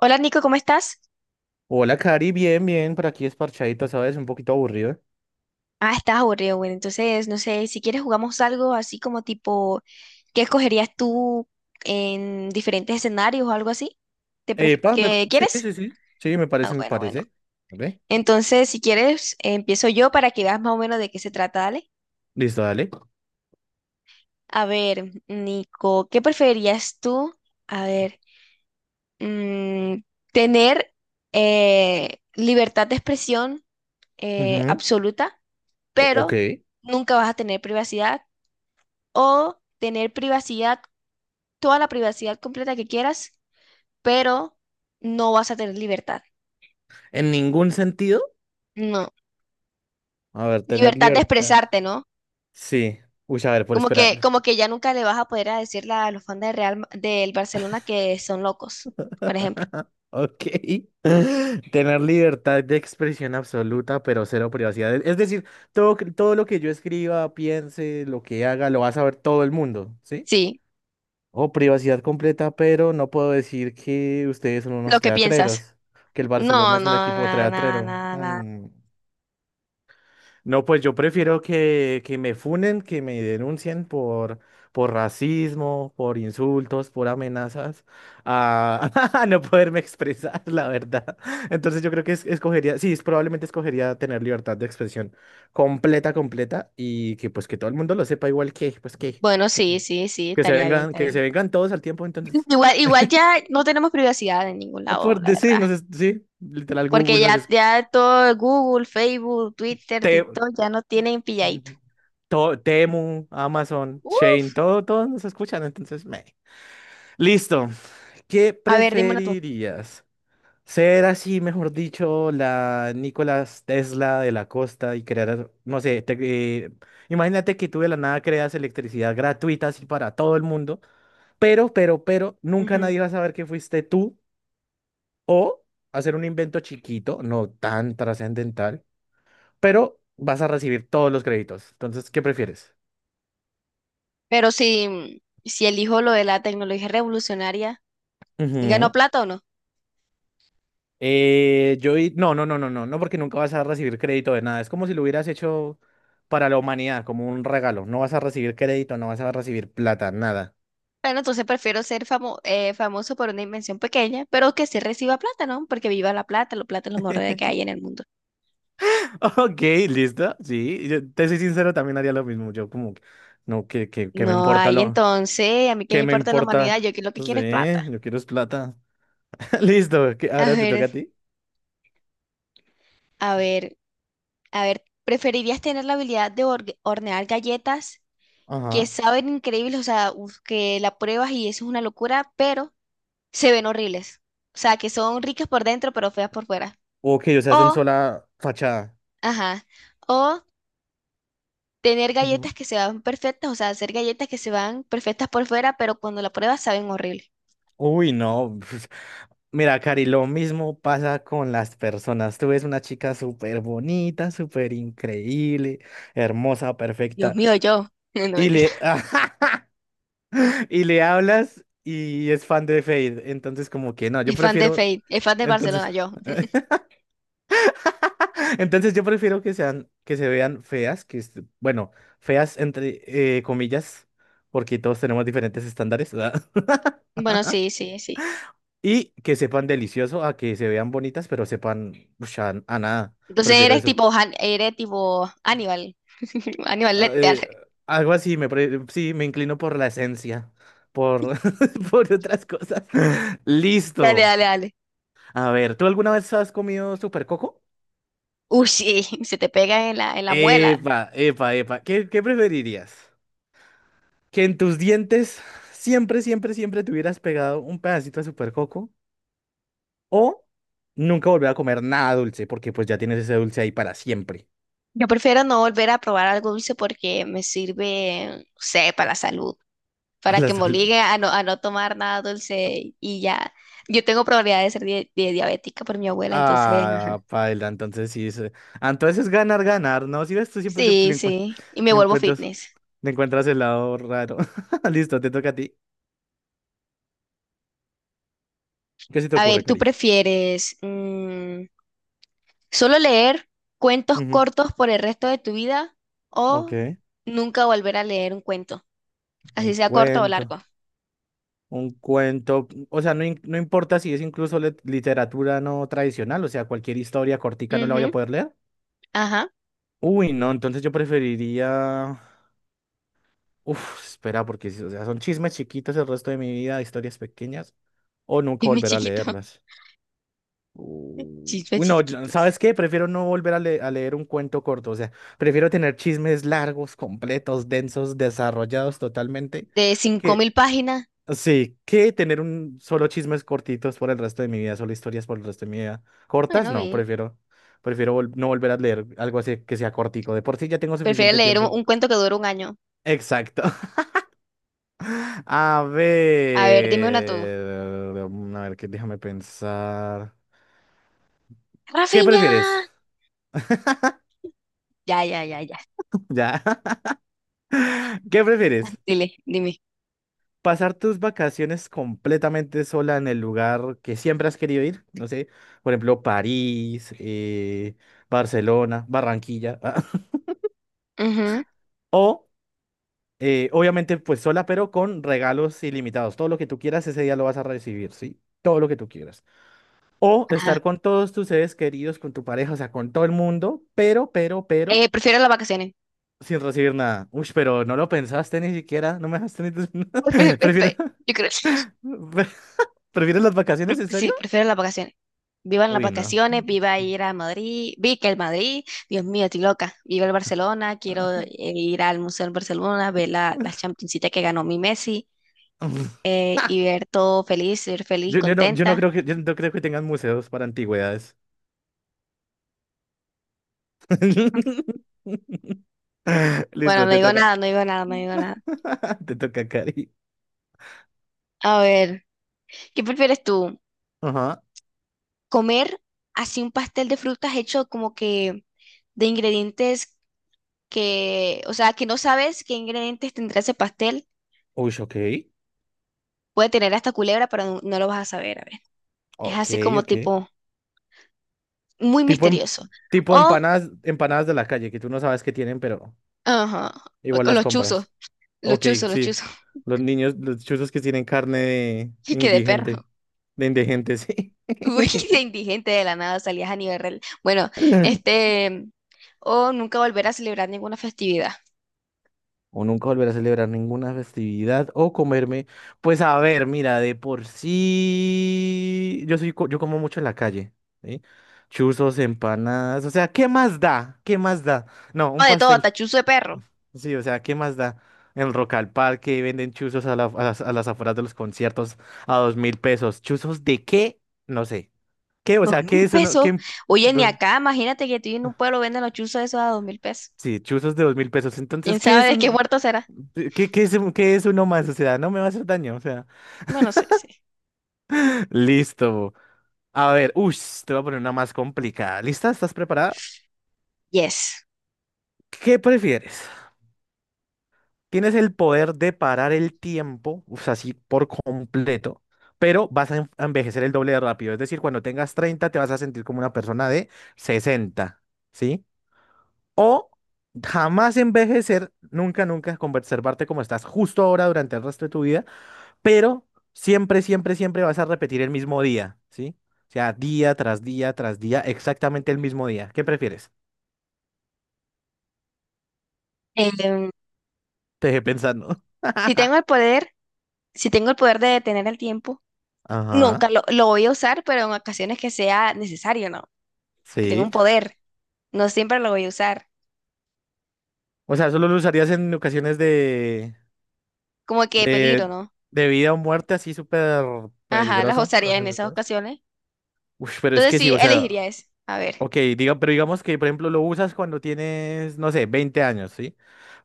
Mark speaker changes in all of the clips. Speaker 1: Hola Nico, ¿cómo estás?
Speaker 2: Hola, Cari, bien, bien, por aquí es parchadito, ¿sabes? Un poquito aburrido.
Speaker 1: Ah, estás aburrido, bueno, entonces no sé, si quieres jugamos algo así como tipo, ¿qué escogerías tú en diferentes escenarios o algo así?
Speaker 2: Epa,
Speaker 1: ¿Qué
Speaker 2: sí,
Speaker 1: quieres?
Speaker 2: sí, sí, sí, me
Speaker 1: Ah,
Speaker 2: parece, me
Speaker 1: bueno, bueno.
Speaker 2: parece. ¿Vale?
Speaker 1: Entonces, si quieres, empiezo yo para que veas más o menos de qué se trata, dale.
Speaker 2: Listo, dale.
Speaker 1: A ver, Nico, ¿qué preferirías tú? A ver, mm, tener libertad de expresión
Speaker 2: Ujú,
Speaker 1: absoluta,
Speaker 2: ok.
Speaker 1: pero nunca vas a tener privacidad o tener privacidad, toda la privacidad completa que quieras, pero no vas a tener libertad.
Speaker 2: ¿En ningún sentido?
Speaker 1: No,
Speaker 2: A ver, tener
Speaker 1: libertad de
Speaker 2: libertad.
Speaker 1: expresarte, ¿no?
Speaker 2: Sí. Uy, a ver, por
Speaker 1: Como
Speaker 2: esperar.
Speaker 1: que, como que ya nunca le vas a poder a decirle a los fans del Real, del Barcelona que son locos, por ejemplo.
Speaker 2: Ok. Tener libertad de expresión absoluta, pero cero privacidad. Es decir, todo lo que yo escriba, piense, lo que haga, lo va a saber todo el mundo, ¿sí?
Speaker 1: Sí,
Speaker 2: O privacidad completa, pero no puedo decir que ustedes son
Speaker 1: lo
Speaker 2: unos
Speaker 1: que piensas.
Speaker 2: teatreros, que el Barcelona
Speaker 1: No, no,
Speaker 2: es un equipo
Speaker 1: nada, nada,
Speaker 2: teatrero.
Speaker 1: nada, nada.
Speaker 2: Mm. No, pues yo prefiero que me funen, que me denuncien por racismo, por insultos, por amenazas, a, a no poderme expresar, la verdad. Entonces yo creo que escogería, sí, probablemente escogería tener libertad de expresión completa, completa, y que pues que todo el mundo lo sepa igual que, pues que,
Speaker 1: Bueno, sí, sí, sí,
Speaker 2: que se
Speaker 1: estaría bien,
Speaker 2: vengan,
Speaker 1: estaría
Speaker 2: que se
Speaker 1: bien.
Speaker 2: vengan todos al tiempo, entonces.
Speaker 1: Igual, igual ya no tenemos privacidad en ningún
Speaker 2: Ah,
Speaker 1: lado,
Speaker 2: por
Speaker 1: la
Speaker 2: decir,
Speaker 1: verdad.
Speaker 2: no sé, sí, literal
Speaker 1: Porque
Speaker 2: Google, no
Speaker 1: ya,
Speaker 2: sé,
Speaker 1: ya todo Google, Facebook, Twitter,
Speaker 2: Te-
Speaker 1: TikTok ya no tienen pilladito.
Speaker 2: Temu, Amazon,
Speaker 1: Uf,
Speaker 2: Chain, todo, todos nos escuchan, entonces, meh. Listo. ¿Qué
Speaker 1: a ver, dime una tú.
Speaker 2: preferirías? Ser así, mejor dicho, la Nicolás Tesla de la costa y crear, no sé, eh, imagínate que tú de la nada creas electricidad gratuita así para todo el mundo, pero, nunca
Speaker 1: Ujú.
Speaker 2: nadie va a saber que fuiste tú o hacer un invento chiquito, no tan trascendental pero vas a recibir todos los créditos. Entonces, ¿qué prefieres?
Speaker 1: Pero si elijo lo de la tecnología revolucionaria, ¿ganó
Speaker 2: Ujú.
Speaker 1: plata o no?
Speaker 2: No, no, no, no, no, no, porque nunca vas a recibir crédito de nada. Es como si lo hubieras hecho para la humanidad, como un regalo. No vas a recibir crédito, no vas a recibir plata, nada.
Speaker 1: Bueno, entonces prefiero ser famoso por una invención pequeña, pero que sí reciba plata, ¿no? Porque viva la plata es lo mejor de que hay en el mundo.
Speaker 2: Ok, listo. Sí, yo te soy sincero, también haría lo mismo. Yo como, que, no, que me
Speaker 1: No
Speaker 2: importa
Speaker 1: hay, entonces, a mí que me
Speaker 2: que me
Speaker 1: importa la humanidad, yo
Speaker 2: importa.
Speaker 1: que lo que
Speaker 2: Sí,
Speaker 1: quiero es plata.
Speaker 2: yo quiero es plata. Listo, que
Speaker 1: A
Speaker 2: ahora te
Speaker 1: ver,
Speaker 2: toca a ti.
Speaker 1: a ver, a ver, ¿preferirías tener la habilidad de hornear galletas que
Speaker 2: Ajá.
Speaker 1: saben increíbles, o sea, uf, que la pruebas y eso es una locura, pero se ven horribles. O sea, que son ricas por dentro, pero feas por fuera.
Speaker 2: Ok, o sea, son
Speaker 1: O,
Speaker 2: sola fachada.
Speaker 1: ajá, o tener galletas que se van perfectas, o sea, hacer galletas que se van perfectas por fuera, pero cuando la pruebas saben horrible.
Speaker 2: Uy, no. Mira, Cari, lo mismo pasa con las personas. Tú ves una chica súper bonita, súper increíble, hermosa,
Speaker 1: Dios
Speaker 2: perfecta,
Speaker 1: mío, yo. No,
Speaker 2: y
Speaker 1: mentira.
Speaker 2: le, y le hablas y es fan de Fade. Entonces, como que no, yo
Speaker 1: Es fan de
Speaker 2: prefiero.
Speaker 1: Fate, es fan de
Speaker 2: Entonces,
Speaker 1: Barcelona, yo.
Speaker 2: entonces yo prefiero que sean, que se vean feas, que, bueno, feas entre comillas, porque todos tenemos diferentes estándares,
Speaker 1: Bueno, sí, sí, sí.
Speaker 2: y que sepan delicioso a que se vean bonitas, pero sepan ush, a nada.
Speaker 1: Entonces
Speaker 2: Prefiero
Speaker 1: eres
Speaker 2: eso.
Speaker 1: tipo, Han- eres tipo Aníbal. Aníbal
Speaker 2: Ah,
Speaker 1: Lecter.
Speaker 2: eh, algo así, sí, me inclino por la esencia, por, por otras cosas.
Speaker 1: Dale,
Speaker 2: Listo.
Speaker 1: dale, dale.
Speaker 2: A ver, ¿tú alguna vez has comido super coco?
Speaker 1: Uy, sí, se te pega en la muela.
Speaker 2: Epa, epa, epa. ¿Qué preferirías? ¿Que en tus dientes siempre, siempre, siempre te hubieras pegado un pedacito de super coco? ¿O nunca volver a comer nada dulce porque pues ya tienes ese dulce ahí para siempre,
Speaker 1: Yo prefiero no volver a probar algo dulce porque me sirve, no sé, para la salud.
Speaker 2: para
Speaker 1: Para
Speaker 2: la
Speaker 1: que me
Speaker 2: salud?
Speaker 1: obligue a no tomar nada dulce y ya. Yo tengo probabilidad de ser diabética por mi abuela, entonces, ajá.
Speaker 2: Ah, paila, entonces sí. Entonces es ganar, ganar, ¿no? Si ves, tú siempre le,
Speaker 1: Sí,
Speaker 2: le
Speaker 1: sí, y me
Speaker 2: le
Speaker 1: vuelvo
Speaker 2: encuentras,
Speaker 1: fitness.
Speaker 2: le encuentras el lado raro. Listo, te toca a ti. ¿Qué se te
Speaker 1: A
Speaker 2: ocurre,
Speaker 1: ver, ¿tú
Speaker 2: Cari?
Speaker 1: prefieres solo leer cuentos
Speaker 2: Ujú,
Speaker 1: cortos por el resto de tu vida o
Speaker 2: ok.
Speaker 1: nunca volver a leer un cuento, así
Speaker 2: Un
Speaker 1: sea corto o
Speaker 2: cuento.
Speaker 1: largo?
Speaker 2: Un cuento. O sea, no, no importa si es incluso literatura no tradicional, o sea, cualquier historia cortica no la voy a
Speaker 1: Ujú,
Speaker 2: poder leer.
Speaker 1: ajá,
Speaker 2: Uy, no, entonces yo preferiría. Uf, espera, porque o sea, son chismes chiquitos el resto de mi vida, historias pequeñas, o nunca
Speaker 1: dime
Speaker 2: volver a
Speaker 1: chiquito,
Speaker 2: leerlas.
Speaker 1: chismes
Speaker 2: Uy, no,
Speaker 1: chiquitos.
Speaker 2: ¿sabes qué? Prefiero no volver a, a leer un cuento corto, o sea, prefiero tener chismes largos, completos, densos, desarrollados totalmente,
Speaker 1: De cinco
Speaker 2: que
Speaker 1: mil páginas,
Speaker 2: sí, que tener un solo chismes cortitos por el resto de mi vida, solo historias por el resto de mi vida. Cortas,
Speaker 1: bueno,
Speaker 2: no,
Speaker 1: bien.
Speaker 2: prefiero no volver a leer algo así que sea cortico. De por sí ya tengo
Speaker 1: Prefiero
Speaker 2: suficiente
Speaker 1: leer un,
Speaker 2: tiempo.
Speaker 1: un cuento que dure un año.
Speaker 2: Exacto. A
Speaker 1: A ver, dime una tú.
Speaker 2: ver, a ver, que déjame pensar. ¿Qué
Speaker 1: Rafiña.
Speaker 2: prefieres?
Speaker 1: Ya, ya, ya, ya.
Speaker 2: Ya. ¿Qué prefieres?
Speaker 1: Dile, dime.
Speaker 2: Pasar tus vacaciones completamente sola en el lugar que siempre has querido ir, no sé, por ejemplo, París, Barcelona, Barranquilla,
Speaker 1: Ujú,
Speaker 2: o obviamente pues sola, pero con regalos ilimitados. Todo lo que tú quieras ese día lo vas a recibir, ¿sí? Todo lo que tú quieras. O
Speaker 1: ajá.
Speaker 2: estar con todos tus seres queridos, con tu pareja, o sea, con todo el mundo, pero,
Speaker 1: Prefiero las vacaciones.
Speaker 2: sin recibir nada. Uy, pero no lo pensaste ni siquiera, no me dejaste ni...
Speaker 1: Pre- pre-
Speaker 2: ¿Prefieres,
Speaker 1: pre- Yo creo,
Speaker 2: prefieres las vacaciones, en
Speaker 1: sí,
Speaker 2: serio?
Speaker 1: prefiero las vacaciones. Vivan las
Speaker 2: Uy, no.
Speaker 1: vacaciones, viva ir a Madrid, vi que el Madrid, Dios mío, estoy loca. Viva el Barcelona, quiero ir al Museo del Barcelona, ver la Championcita que ganó mi Messi y ver todo feliz, ser feliz,
Speaker 2: Yo no, yo no
Speaker 1: contenta.
Speaker 2: creo que, yo no creo que tengan museos para antigüedades.
Speaker 1: Bueno,
Speaker 2: Listo,
Speaker 1: no
Speaker 2: te
Speaker 1: digo
Speaker 2: toca.
Speaker 1: nada, no digo nada, no digo nada.
Speaker 2: Te toca, Cari.
Speaker 1: A ver, ¿qué prefieres tú?
Speaker 2: Ajá.
Speaker 1: ¿Comer así un pastel de frutas hecho como que de ingredientes que, o sea, que no sabes qué ingredientes tendrá ese pastel.
Speaker 2: Uy, ok.
Speaker 1: Puede tener hasta culebra, pero no, no lo vas a saber. A ver. Es
Speaker 2: Ok,
Speaker 1: así como
Speaker 2: ok.
Speaker 1: tipo muy
Speaker 2: Tipo, em-
Speaker 1: misterioso.
Speaker 2: tipo
Speaker 1: O,
Speaker 2: empanadas, empanadas de la calle, que tú no sabes qué tienen, pero
Speaker 1: ajá, o
Speaker 2: igual
Speaker 1: con
Speaker 2: las
Speaker 1: los chuzos,
Speaker 2: compras.
Speaker 1: los
Speaker 2: Ok,
Speaker 1: chuzos, los
Speaker 2: sí.
Speaker 1: chuzos.
Speaker 2: Los chuzos que tienen carne de
Speaker 1: Y que de
Speaker 2: indigente.
Speaker 1: perro.
Speaker 2: De indigente, sí.
Speaker 1: Uy, de indigente de la nada salías a nivel real. Bueno, este, o nunca volver a celebrar ninguna festividad.
Speaker 2: O nunca volver a celebrar ninguna festividad o comerme. Pues a ver, mira, de por sí yo como mucho en la calle, ¿sí? Chuzos, empanadas, o sea, ¿qué más da? ¿Qué más da? No,
Speaker 1: O
Speaker 2: un
Speaker 1: de todo,
Speaker 2: pastel.
Speaker 1: hasta chuzo de perro.
Speaker 2: Sí, o sea, ¿qué más da? En Rock al Parque venden chuzos a las afueras de los conciertos a 2.000 pesos. ¿Chuzos de qué? No sé. ¿Qué? O
Speaker 1: Dos
Speaker 2: sea, ¿qué
Speaker 1: mil
Speaker 2: es uno?
Speaker 1: pesos.
Speaker 2: ¿Qué?
Speaker 1: Oye, ni
Speaker 2: ¿Dónde?
Speaker 1: acá, imagínate que tú en un pueblo venden los chuzos esos a 2.000 pesos.
Speaker 2: Sí, chuzos de 2.000 pesos.
Speaker 1: ¿Quién
Speaker 2: Entonces, ¿qué
Speaker 1: sabe
Speaker 2: es
Speaker 1: de qué
Speaker 2: uno?
Speaker 1: muerto será?
Speaker 2: ¿Qué es uno más? O sea, no me va a hacer daño. O sea,
Speaker 1: Bueno, sí, sí.
Speaker 2: listo. A ver, uy, te voy a poner una más complicada. ¿Lista? ¿Estás preparada?
Speaker 1: Yes.
Speaker 2: ¿Qué prefieres? Tienes el poder de parar el tiempo, o sea, así por completo, pero vas a envejecer el doble de rápido. Es decir, cuando tengas 30, te vas a sentir como una persona de 60, ¿sí? O jamás envejecer, nunca, nunca, conservarte como estás justo ahora durante el resto de tu vida pero siempre, siempre, siempre vas a repetir el mismo día, ¿sí? O sea, día tras día tras día, exactamente el mismo día. ¿Qué prefieres?
Speaker 1: Em,
Speaker 2: Te dejé pensando.
Speaker 1: si tengo el poder, si tengo el poder de detener el tiempo,
Speaker 2: Ajá,
Speaker 1: nunca lo voy a usar, pero en ocasiones que sea necesario, ¿no? Que tenga un
Speaker 2: sí.
Speaker 1: poder, no siempre lo voy a usar.
Speaker 2: O sea, solo lo usarías en ocasiones
Speaker 1: Como que peligro,
Speaker 2: de,
Speaker 1: ¿no?
Speaker 2: de vida o muerte así súper
Speaker 1: Ajá, las
Speaker 2: peligrosas,
Speaker 1: usaría en esas
Speaker 2: trascendentales.
Speaker 1: ocasiones.
Speaker 2: Uy, pero es
Speaker 1: Entonces
Speaker 2: que sí,
Speaker 1: sí,
Speaker 2: o sea,
Speaker 1: elegiría eso. A ver,
Speaker 2: ok, pero digamos que, por ejemplo, lo usas cuando tienes, no sé, 20 años, ¿sí?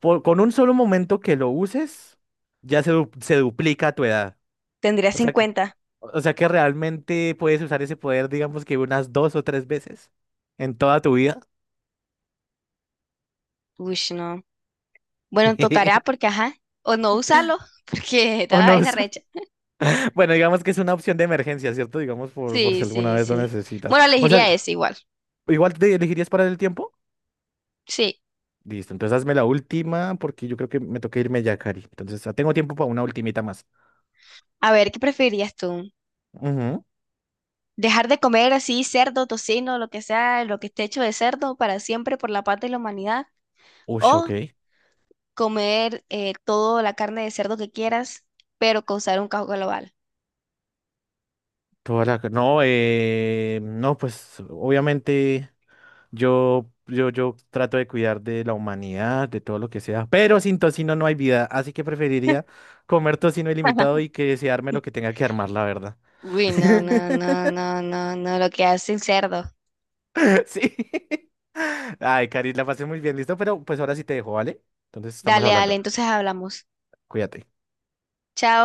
Speaker 2: Con un solo momento que lo uses, ya se duplica tu edad.
Speaker 1: tendría
Speaker 2: O sea,
Speaker 1: 50.
Speaker 2: o sea que realmente puedes usar ese poder, digamos que unas dos o tres veces en toda tu vida.
Speaker 1: Uy, no. Bueno, tocará porque, ajá, o no usarlo, porque
Speaker 2: O
Speaker 1: está la
Speaker 2: no
Speaker 1: vaina
Speaker 2: usa-
Speaker 1: recha.
Speaker 2: Bueno, digamos que es una opción de emergencia, ¿cierto? Digamos por si
Speaker 1: Sí,
Speaker 2: alguna
Speaker 1: sí,
Speaker 2: vez lo
Speaker 1: sí.
Speaker 2: necesitas.
Speaker 1: Bueno,
Speaker 2: O
Speaker 1: elegiría
Speaker 2: sea,
Speaker 1: ese igual.
Speaker 2: igual te elegirías para el tiempo.
Speaker 1: Sí.
Speaker 2: Listo, entonces hazme la última porque yo creo que me toca irme ya, Cari. Entonces, tengo tiempo para una ultimita más.
Speaker 1: A ver, ¿qué preferirías tú?
Speaker 2: Ujú.
Speaker 1: Dejar de comer así cerdo, tocino, lo que sea, lo que esté hecho de cerdo para siempre por la paz de la humanidad.
Speaker 2: Ush, ok.
Speaker 1: O comer toda la carne de cerdo que quieras, pero causar un caos global.
Speaker 2: No, no, pues obviamente. Yo trato de cuidar de la humanidad, de todo lo que sea, pero sin tocino no hay vida, así que preferiría comer tocino ilimitado y que se arme lo que tenga que armar, la verdad.
Speaker 1: Uy, no, no, no, no, no, no, lo que hace el cerdo.
Speaker 2: Sí. Ay, Cari, la pasé muy bien, listo, pero pues ahora sí te dejo, ¿vale? Entonces estamos
Speaker 1: Dale, dale,
Speaker 2: hablando.
Speaker 1: entonces hablamos.
Speaker 2: Cuídate.
Speaker 1: Chao.